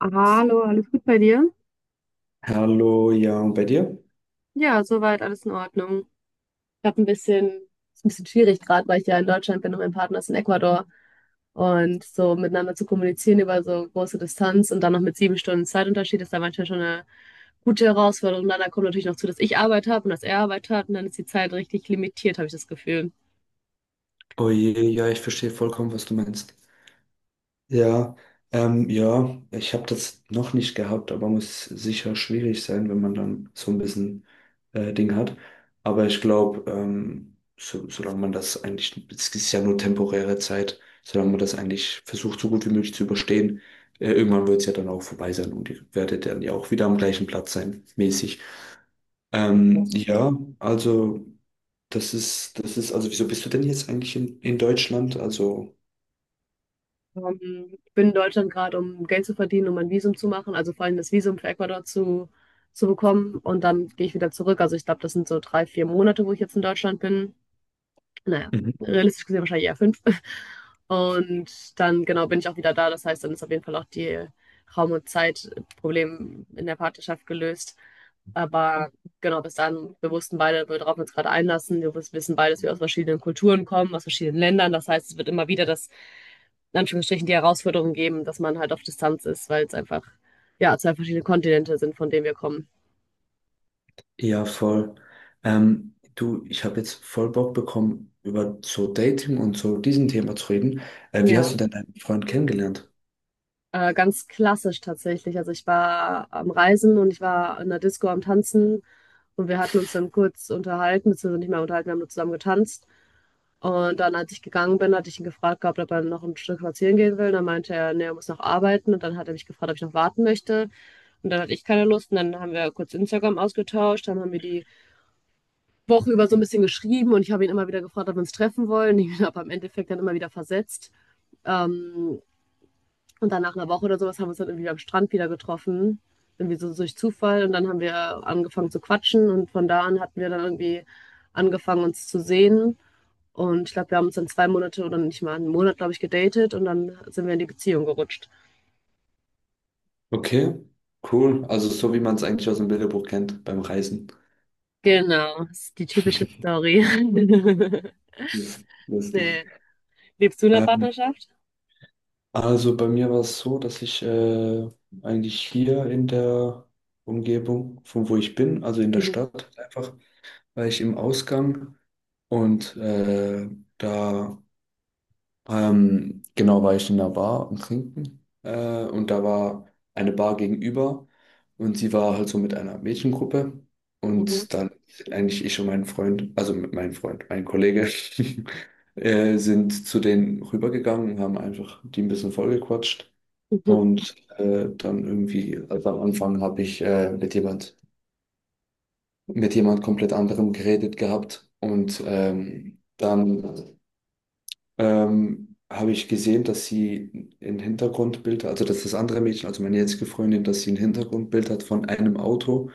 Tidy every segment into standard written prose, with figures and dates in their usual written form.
Hallo, alles gut bei dir? Hallo, ja, und bei dir? Ja, soweit alles in Ordnung. Ich habe ein bisschen, Ist ein bisschen schwierig gerade, weil ich ja in Deutschland bin und mein Partner ist in Ecuador. Und so miteinander zu kommunizieren über so große Distanz und dann noch mit 7 Stunden Zeitunterschied ist da manchmal schon eine gute Herausforderung. Und dann kommt natürlich noch zu, dass ich Arbeit habe und dass er Arbeit hat und dann ist die Zeit richtig limitiert, habe ich das Gefühl. Oh je, ja, ich verstehe vollkommen, was du meinst. Ja, ja, ich habe das noch nicht gehabt, aber muss sicher schwierig sein, wenn man dann so ein bisschen Ding hat. Aber ich glaube, solange man das es ist ja nur temporäre Zeit, solange man das eigentlich versucht, so gut wie möglich zu überstehen, irgendwann wird es ja dann auch vorbei sein und ihr werdet dann ja auch wieder am gleichen Platz sein, mäßig. Ähm, ja, also. Also wieso bist du denn jetzt eigentlich in Deutschland? Also, Ich bin in Deutschland gerade, um Geld zu verdienen, um ein Visum zu machen, also vor allem das Visum für Ecuador zu bekommen. Und dann gehe ich wieder zurück. Also ich glaube, das sind so 3, 4 Monate, wo ich jetzt in Deutschland bin. Naja, mhm. realistisch gesehen wahrscheinlich eher fünf. Und dann, genau, bin ich auch wieder da. Das heißt, dann ist auf jeden Fall auch die Raum- und Zeitproblem in der Partnerschaft gelöst. Aber genau, bis dann, wir wussten beide, worauf wir uns gerade einlassen. Wissen beide, dass wir aus verschiedenen Kulturen kommen, aus verschiedenen Ländern. Das heißt, es wird immer wieder das in Anführungsstrichen die Herausforderung geben, dass man halt auf Distanz ist, weil es einfach, ja, zwei verschiedene Kontinente sind, von denen wir kommen. Ja, voll. Du, ich habe jetzt voll Bock bekommen, über so Dating und so diesen Thema zu reden. Wie Ja, hast du denn deinen Freund kennengelernt? Ganz klassisch tatsächlich. Also ich war am Reisen und ich war in der Disco am Tanzen und wir hatten uns dann kurz unterhalten, beziehungsweise nicht mehr unterhalten, wir haben nur zusammen getanzt. Und dann, als ich gegangen bin, hatte ich ihn gefragt gehabt, ob er noch ein Stück spazieren gehen will. Dann meinte er, nee, er muss noch arbeiten. Und dann hat er mich gefragt, ob ich noch warten möchte. Und dann hatte ich keine Lust. Und dann haben wir kurz Instagram ausgetauscht, dann haben wir die Woche über so ein bisschen geschrieben und ich habe ihn immer wieder gefragt, ob wir uns treffen wollen. Ich habe am Endeffekt dann immer wieder versetzt. Ähm, und dann nach einer Woche oder sowas haben wir uns dann irgendwie am Strand wieder getroffen. Irgendwie so durch Zufall. Und dann haben wir angefangen zu quatschen und von da an hatten wir dann irgendwie angefangen, uns zu sehen. Und ich glaube, wir haben uns dann 2 Monate oder nicht mal einen Monat, glaube ich, gedatet und dann sind wir in die Beziehung gerutscht. Okay, cool. Also so wie man es eigentlich aus dem Bilderbuch kennt beim Reisen. Genau, das ist die typische Story. Das ist lustig. Nee. Lebst du in einer Ähm, Partnerschaft? also bei mir war es so, dass ich eigentlich hier in der Umgebung, von wo ich bin, also in der Mhm. Stadt einfach, war ich im Ausgang und da genau, war ich in einer Bar und trinken und da war eine Bar gegenüber und sie war halt so mit einer Mädchengruppe. Mhm. Und dann sind eigentlich ich und mein Freund, also mit meinem Freund, mein Kollege, sind zu denen rübergegangen und haben einfach die ein bisschen vollgequatscht. Mhm. Und also am Anfang habe ich mit jemand komplett anderem geredet gehabt. Und dann habe ich gesehen, dass also dass das andere Mädchen, also meine jetzige Freundin, dass sie ein Hintergrundbild hat von einem Auto,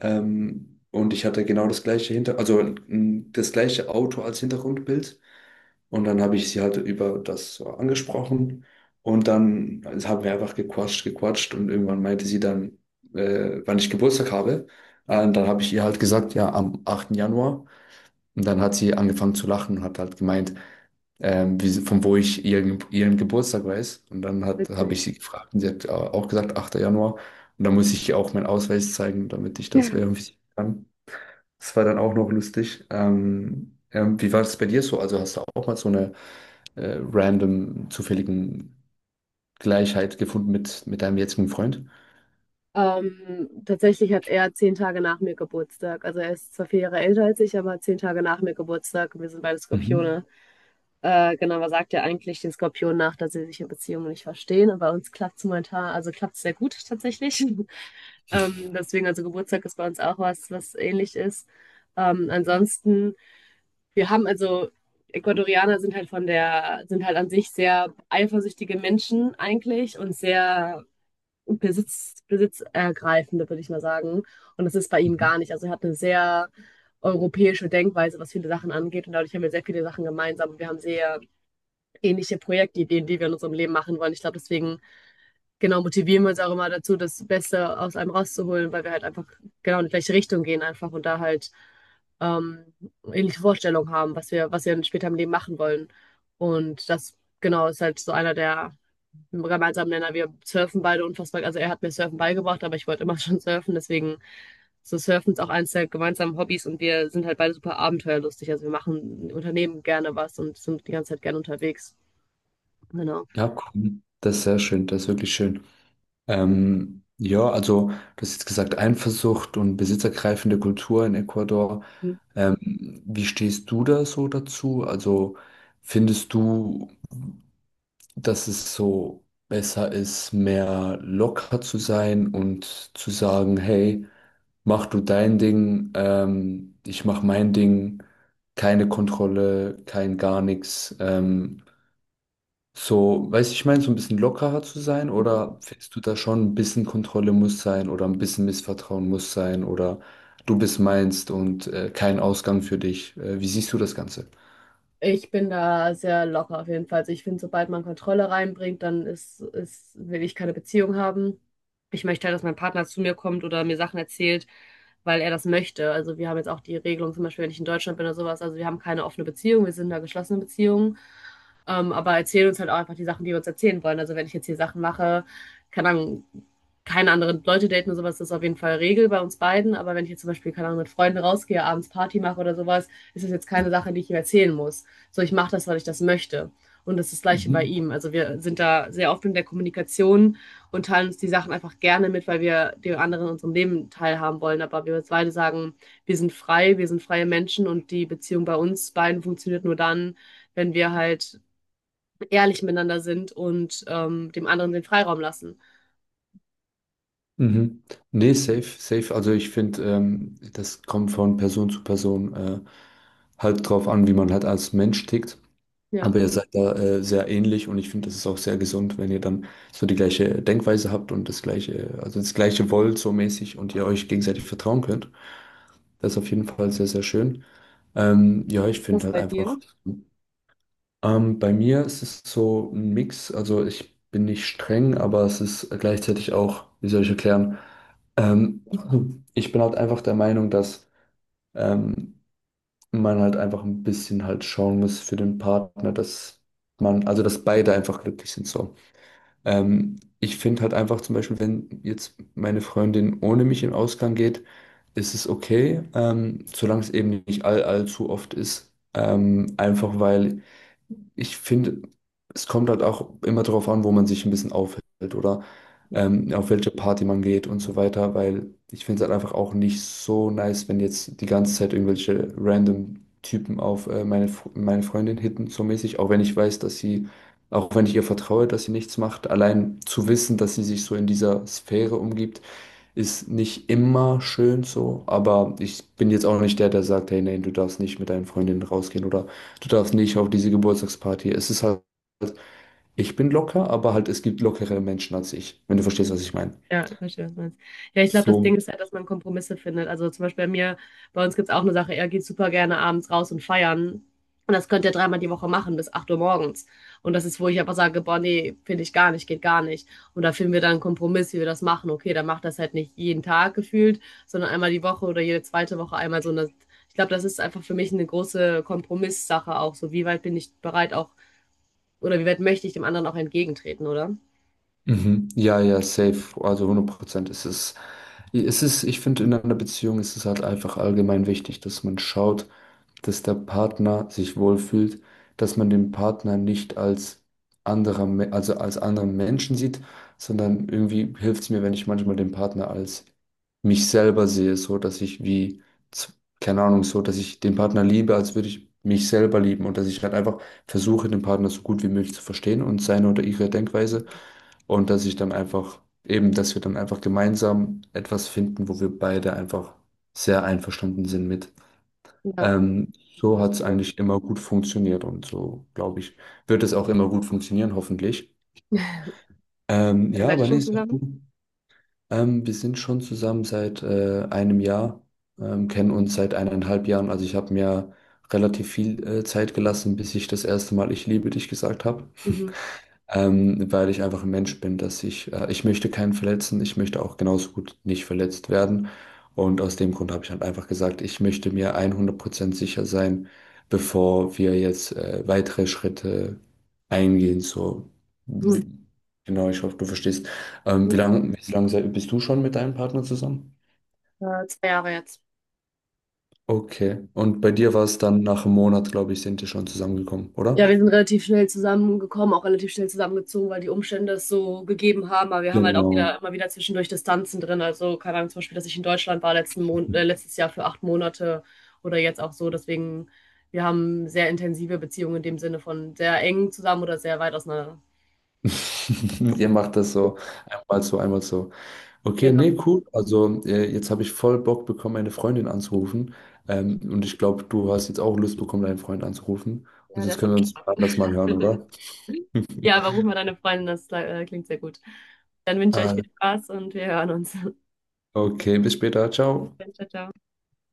und ich hatte genau das gleiche Hinter, also n- das gleiche Auto als Hintergrundbild. Und dann habe ich sie halt über das so angesprochen. Und dann haben wir einfach gequatscht. Und irgendwann meinte sie dann, wann ich Geburtstag habe. Und dann habe ich ihr halt gesagt, ja, am achten Januar. Und dann hat sie angefangen zu lachen und hat halt gemeint, von wo ich ihren Geburtstag weiß. Und habe Witzig. ich sie gefragt und sie hat auch gesagt, 8. Januar. Und dann muss ich ihr auch meinen Ausweis zeigen, damit ich das verifizieren kann. Das war dann auch noch lustig. Wie war es bei dir so? Also hast du auch mal so eine zufälligen Gleichheit gefunden mit deinem jetzigen Freund? Tatsächlich hat er 10 Tage nach mir Geburtstag. Also er ist zwar 4 Jahre älter als ich, aber 10 Tage nach mir Geburtstag. Und wir sind beide Mhm. Skorpione. Genau, man sagt ja eigentlich den Skorpionen nach, dass sie sich in Beziehungen nicht verstehen. Und bei uns klappt es momentan, also klappt es sehr gut tatsächlich. Deswegen, also Geburtstag ist bei uns auch was, was ähnlich ist. Ansonsten, wir haben also, Ecuadorianer sind halt von der, sind halt an sich sehr eifersüchtige Menschen eigentlich und sehr besitzergreifende, würde ich mal sagen. Und das ist bei ihm Mhm. gar nicht. Also er hat eine sehr europäische Denkweise, was viele Sachen angeht. Und dadurch haben wir sehr viele Sachen gemeinsam. Und wir haben sehr ähnliche Projektideen, die wir in unserem Leben machen wollen. Ich glaube, deswegen genau motivieren wir uns auch immer dazu, das Beste aus einem rauszuholen, weil wir halt einfach genau in die gleiche Richtung gehen einfach und da halt ähm, ähnliche Vorstellungen haben, was wir dann später im Leben machen wollen. Und das genau ist halt so einer der gemeinsamen Nenner. Wir surfen beide unfassbar. Also er hat mir Surfen beigebracht, aber ich wollte immer schon surfen. Deswegen so Surfen ist auch eins der gemeinsamen Hobbys und wir sind halt beide super abenteuerlustig. Also wir machen, unternehmen gerne was und sind die ganze Zeit gerne unterwegs. Genau. Ja, cool. Das ist sehr schön, das ist wirklich schön. Ja, also du hast jetzt gesagt, Eifersucht und besitzergreifende Kultur in Ecuador. Hm. Wie stehst du da so dazu? Also findest du, dass es so besser ist, mehr locker zu sein und zu sagen, hey, mach du dein Ding, ich mach mein Ding, keine Kontrolle, kein gar nichts. Weißt du, ich meine, so ein bisschen lockerer zu sein, oder findest du da schon ein bisschen Kontrolle muss sein oder ein bisschen Missvertrauen muss sein oder du bist meinst und kein Ausgang für dich? Wie siehst du das Ganze? Ich bin da sehr locker auf jeden Fall. Also ich finde, sobald man Kontrolle reinbringt, dann will ich keine Beziehung haben. Ich möchte halt, dass mein Partner zu mir kommt oder mir Sachen erzählt, weil er das möchte. Also wir haben jetzt auch die Regelung, zum Beispiel, wenn ich in Deutschland bin oder sowas, also wir haben keine offene Beziehung, wir sind da geschlossenen Beziehung. Aber erzählen uns halt auch einfach die Sachen, die wir uns erzählen wollen. Also wenn ich jetzt hier Sachen mache, keine Ahnung, keine anderen Leute daten oder sowas, das ist auf jeden Fall Regel bei uns beiden. Aber wenn ich jetzt zum Beispiel, keine Ahnung, mit Freunden rausgehe, abends Party mache oder sowas, ist das jetzt keine Sache, die ich ihm erzählen muss so ich mache das, weil ich das möchte. Und das ist das Gleiche bei Mhm. ihm. Also wir sind da sehr offen in der Kommunikation und teilen uns die Sachen einfach gerne mit, weil wir den anderen in unserem Leben teilhaben wollen. Aber wir beide sagen, wir sind frei, wir sind freie Menschen und die Beziehung bei uns beiden funktioniert nur dann, wenn wir halt ehrlich miteinander sind und dem anderen den Freiraum lassen. Mhm. Nee, safe, safe. Also ich finde, das kommt von Person zu Person halt drauf an, wie man halt als Mensch tickt. Ja, Aber ihr seid da sehr ähnlich und ich finde, das ist auch sehr gesund, wenn ihr dann so die gleiche Denkweise habt und also das gleiche wollt so mäßig und ihr euch gegenseitig vertrauen könnt. Das ist auf jeden Fall sehr, sehr schön. Ja, ich das finde halt bei dir. einfach, bei mir ist es so ein Mix. Also ich bin nicht streng, aber es ist gleichzeitig auch, wie soll ich erklären, ähm, ich bin halt einfach der Meinung, dass ähm, man halt einfach ein bisschen halt schauen muss für den Partner, dass also dass beide einfach glücklich sind so. Ich finde halt einfach zum Beispiel, wenn jetzt meine Freundin ohne mich in den Ausgang geht, ist es okay, solange es eben nicht allzu oft ist. Einfach weil ich finde, es kommt halt auch immer darauf an, wo man sich ein bisschen aufhält oder auf welche Party man geht und so weiter, weil ich finde es halt einfach auch nicht so nice, wenn jetzt die ganze Zeit irgendwelche random Typen auf meine Freundin hitten, so mäßig, auch wenn ich weiß, dass auch wenn ich ihr vertraue, dass sie nichts macht, allein zu wissen, dass sie sich so in dieser Sphäre umgibt, ist nicht immer schön so, aber ich bin jetzt auch nicht der, der sagt, hey, nein, du darfst nicht mit deinen Freundinnen rausgehen oder du darfst nicht auf diese Geburtstagsparty. Es ist halt, ich bin locker, aber halt, es gibt lockere Menschen als ich, wenn du verstehst, was ich meine. Ja, ich verstehe, was du meinst. Ja, ich glaube, das Ding So. ist halt, dass man Kompromisse findet. Also zum Beispiel bei mir, bei uns gibt es auch eine Sache, er geht super gerne abends raus und feiern. Und das könnt ihr dreimal die Woche machen, bis 8 Uhr morgens. Und das ist, wo ich aber sage, boah, nee, finde ich gar nicht, geht gar nicht. Und da finden wir dann einen Kompromiss, wie wir das machen. Okay, dann macht das halt nicht jeden Tag gefühlt, sondern einmal die Woche oder jede zweite Woche einmal so eine. Ich glaube, das ist einfach für mich eine große Kompromisssache auch. So, wie weit bin ich bereit auch, oder wie weit möchte ich dem anderen auch entgegentreten, oder? Mhm. Ja, ja, safe. Also hundert Prozent ist es. Es ist, ich finde, in einer Beziehung ist es halt einfach allgemein wichtig, dass man schaut, dass der Partner sich wohlfühlt, dass man den Partner nicht als also als anderen Menschen sieht, sondern irgendwie hilft es mir, wenn ich manchmal den Partner als mich selber sehe, so dass ich z- keine Ahnung, so dass ich den Partner liebe, als würde ich mich selber lieben und dass ich halt einfach versuche, den Partner so gut wie möglich zu verstehen und seine oder ihre Denkweise. Und dass ich dann dass wir dann einfach gemeinsam etwas finden, wo wir beide einfach sehr einverstanden sind mit. Ja, So Kompromiss. hat es eigentlich immer gut funktioniert und so, glaube ich, wird es auch immer gut funktionieren, hoffentlich. Ja, Seid ihr aber nee, schon ist auch gut. zusammen? Wir sind schon zusammen seit einem Jahr, kennen uns seit eineinhalb Jahren. Also ich habe mir relativ viel Zeit gelassen, bis ich das erste Mal Ich liebe dich gesagt habe. Mhm. Weil ich einfach ein Mensch bin, dass ich möchte keinen verletzen, ich möchte auch genauso gut nicht verletzt werden. Und aus dem Grund habe ich halt einfach gesagt, ich möchte mir 100% sicher sein, bevor wir jetzt weitere Schritte eingehen. Mhm. W- genau, ich hoffe, du verstehst. Wie Ja. Wie lange bist du schon mit deinem Partner zusammen? 2 Jahre jetzt. Okay. Und bei dir war es dann nach einem Monat, glaube ich, sind ihr schon zusammengekommen, Ja, oder? wir sind relativ schnell zusammengekommen, auch relativ schnell zusammengezogen, weil die Umstände es so gegeben haben. Aber wir haben halt auch Genau. wieder immer wieder zwischendurch Distanzen drin. Also, keine Ahnung, zum Beispiel, dass ich in Deutschland war letzten Mon letztes Jahr für 8 Monate oder jetzt auch so. Deswegen, wir haben sehr intensive Beziehungen in dem Sinne von sehr eng zusammen oder sehr weit auseinander. Ihr macht das so einmal so, einmal so. Okay, Genau. nee, cool. Also jetzt habe ich voll Bock bekommen, meine Freundin anzurufen. Und ich glaube, du hast jetzt auch Lust bekommen, deinen Freund anzurufen. Und Ja, der jetzt ist am können wir uns Start. anders mal hören, oder? Ja, aber ruf mal deine Freundin, das klingt sehr gut. Dann wünsche ich euch viel Ah, Spaß und wir hören uns. okay, bis später. Ciao. Ciao, ciao.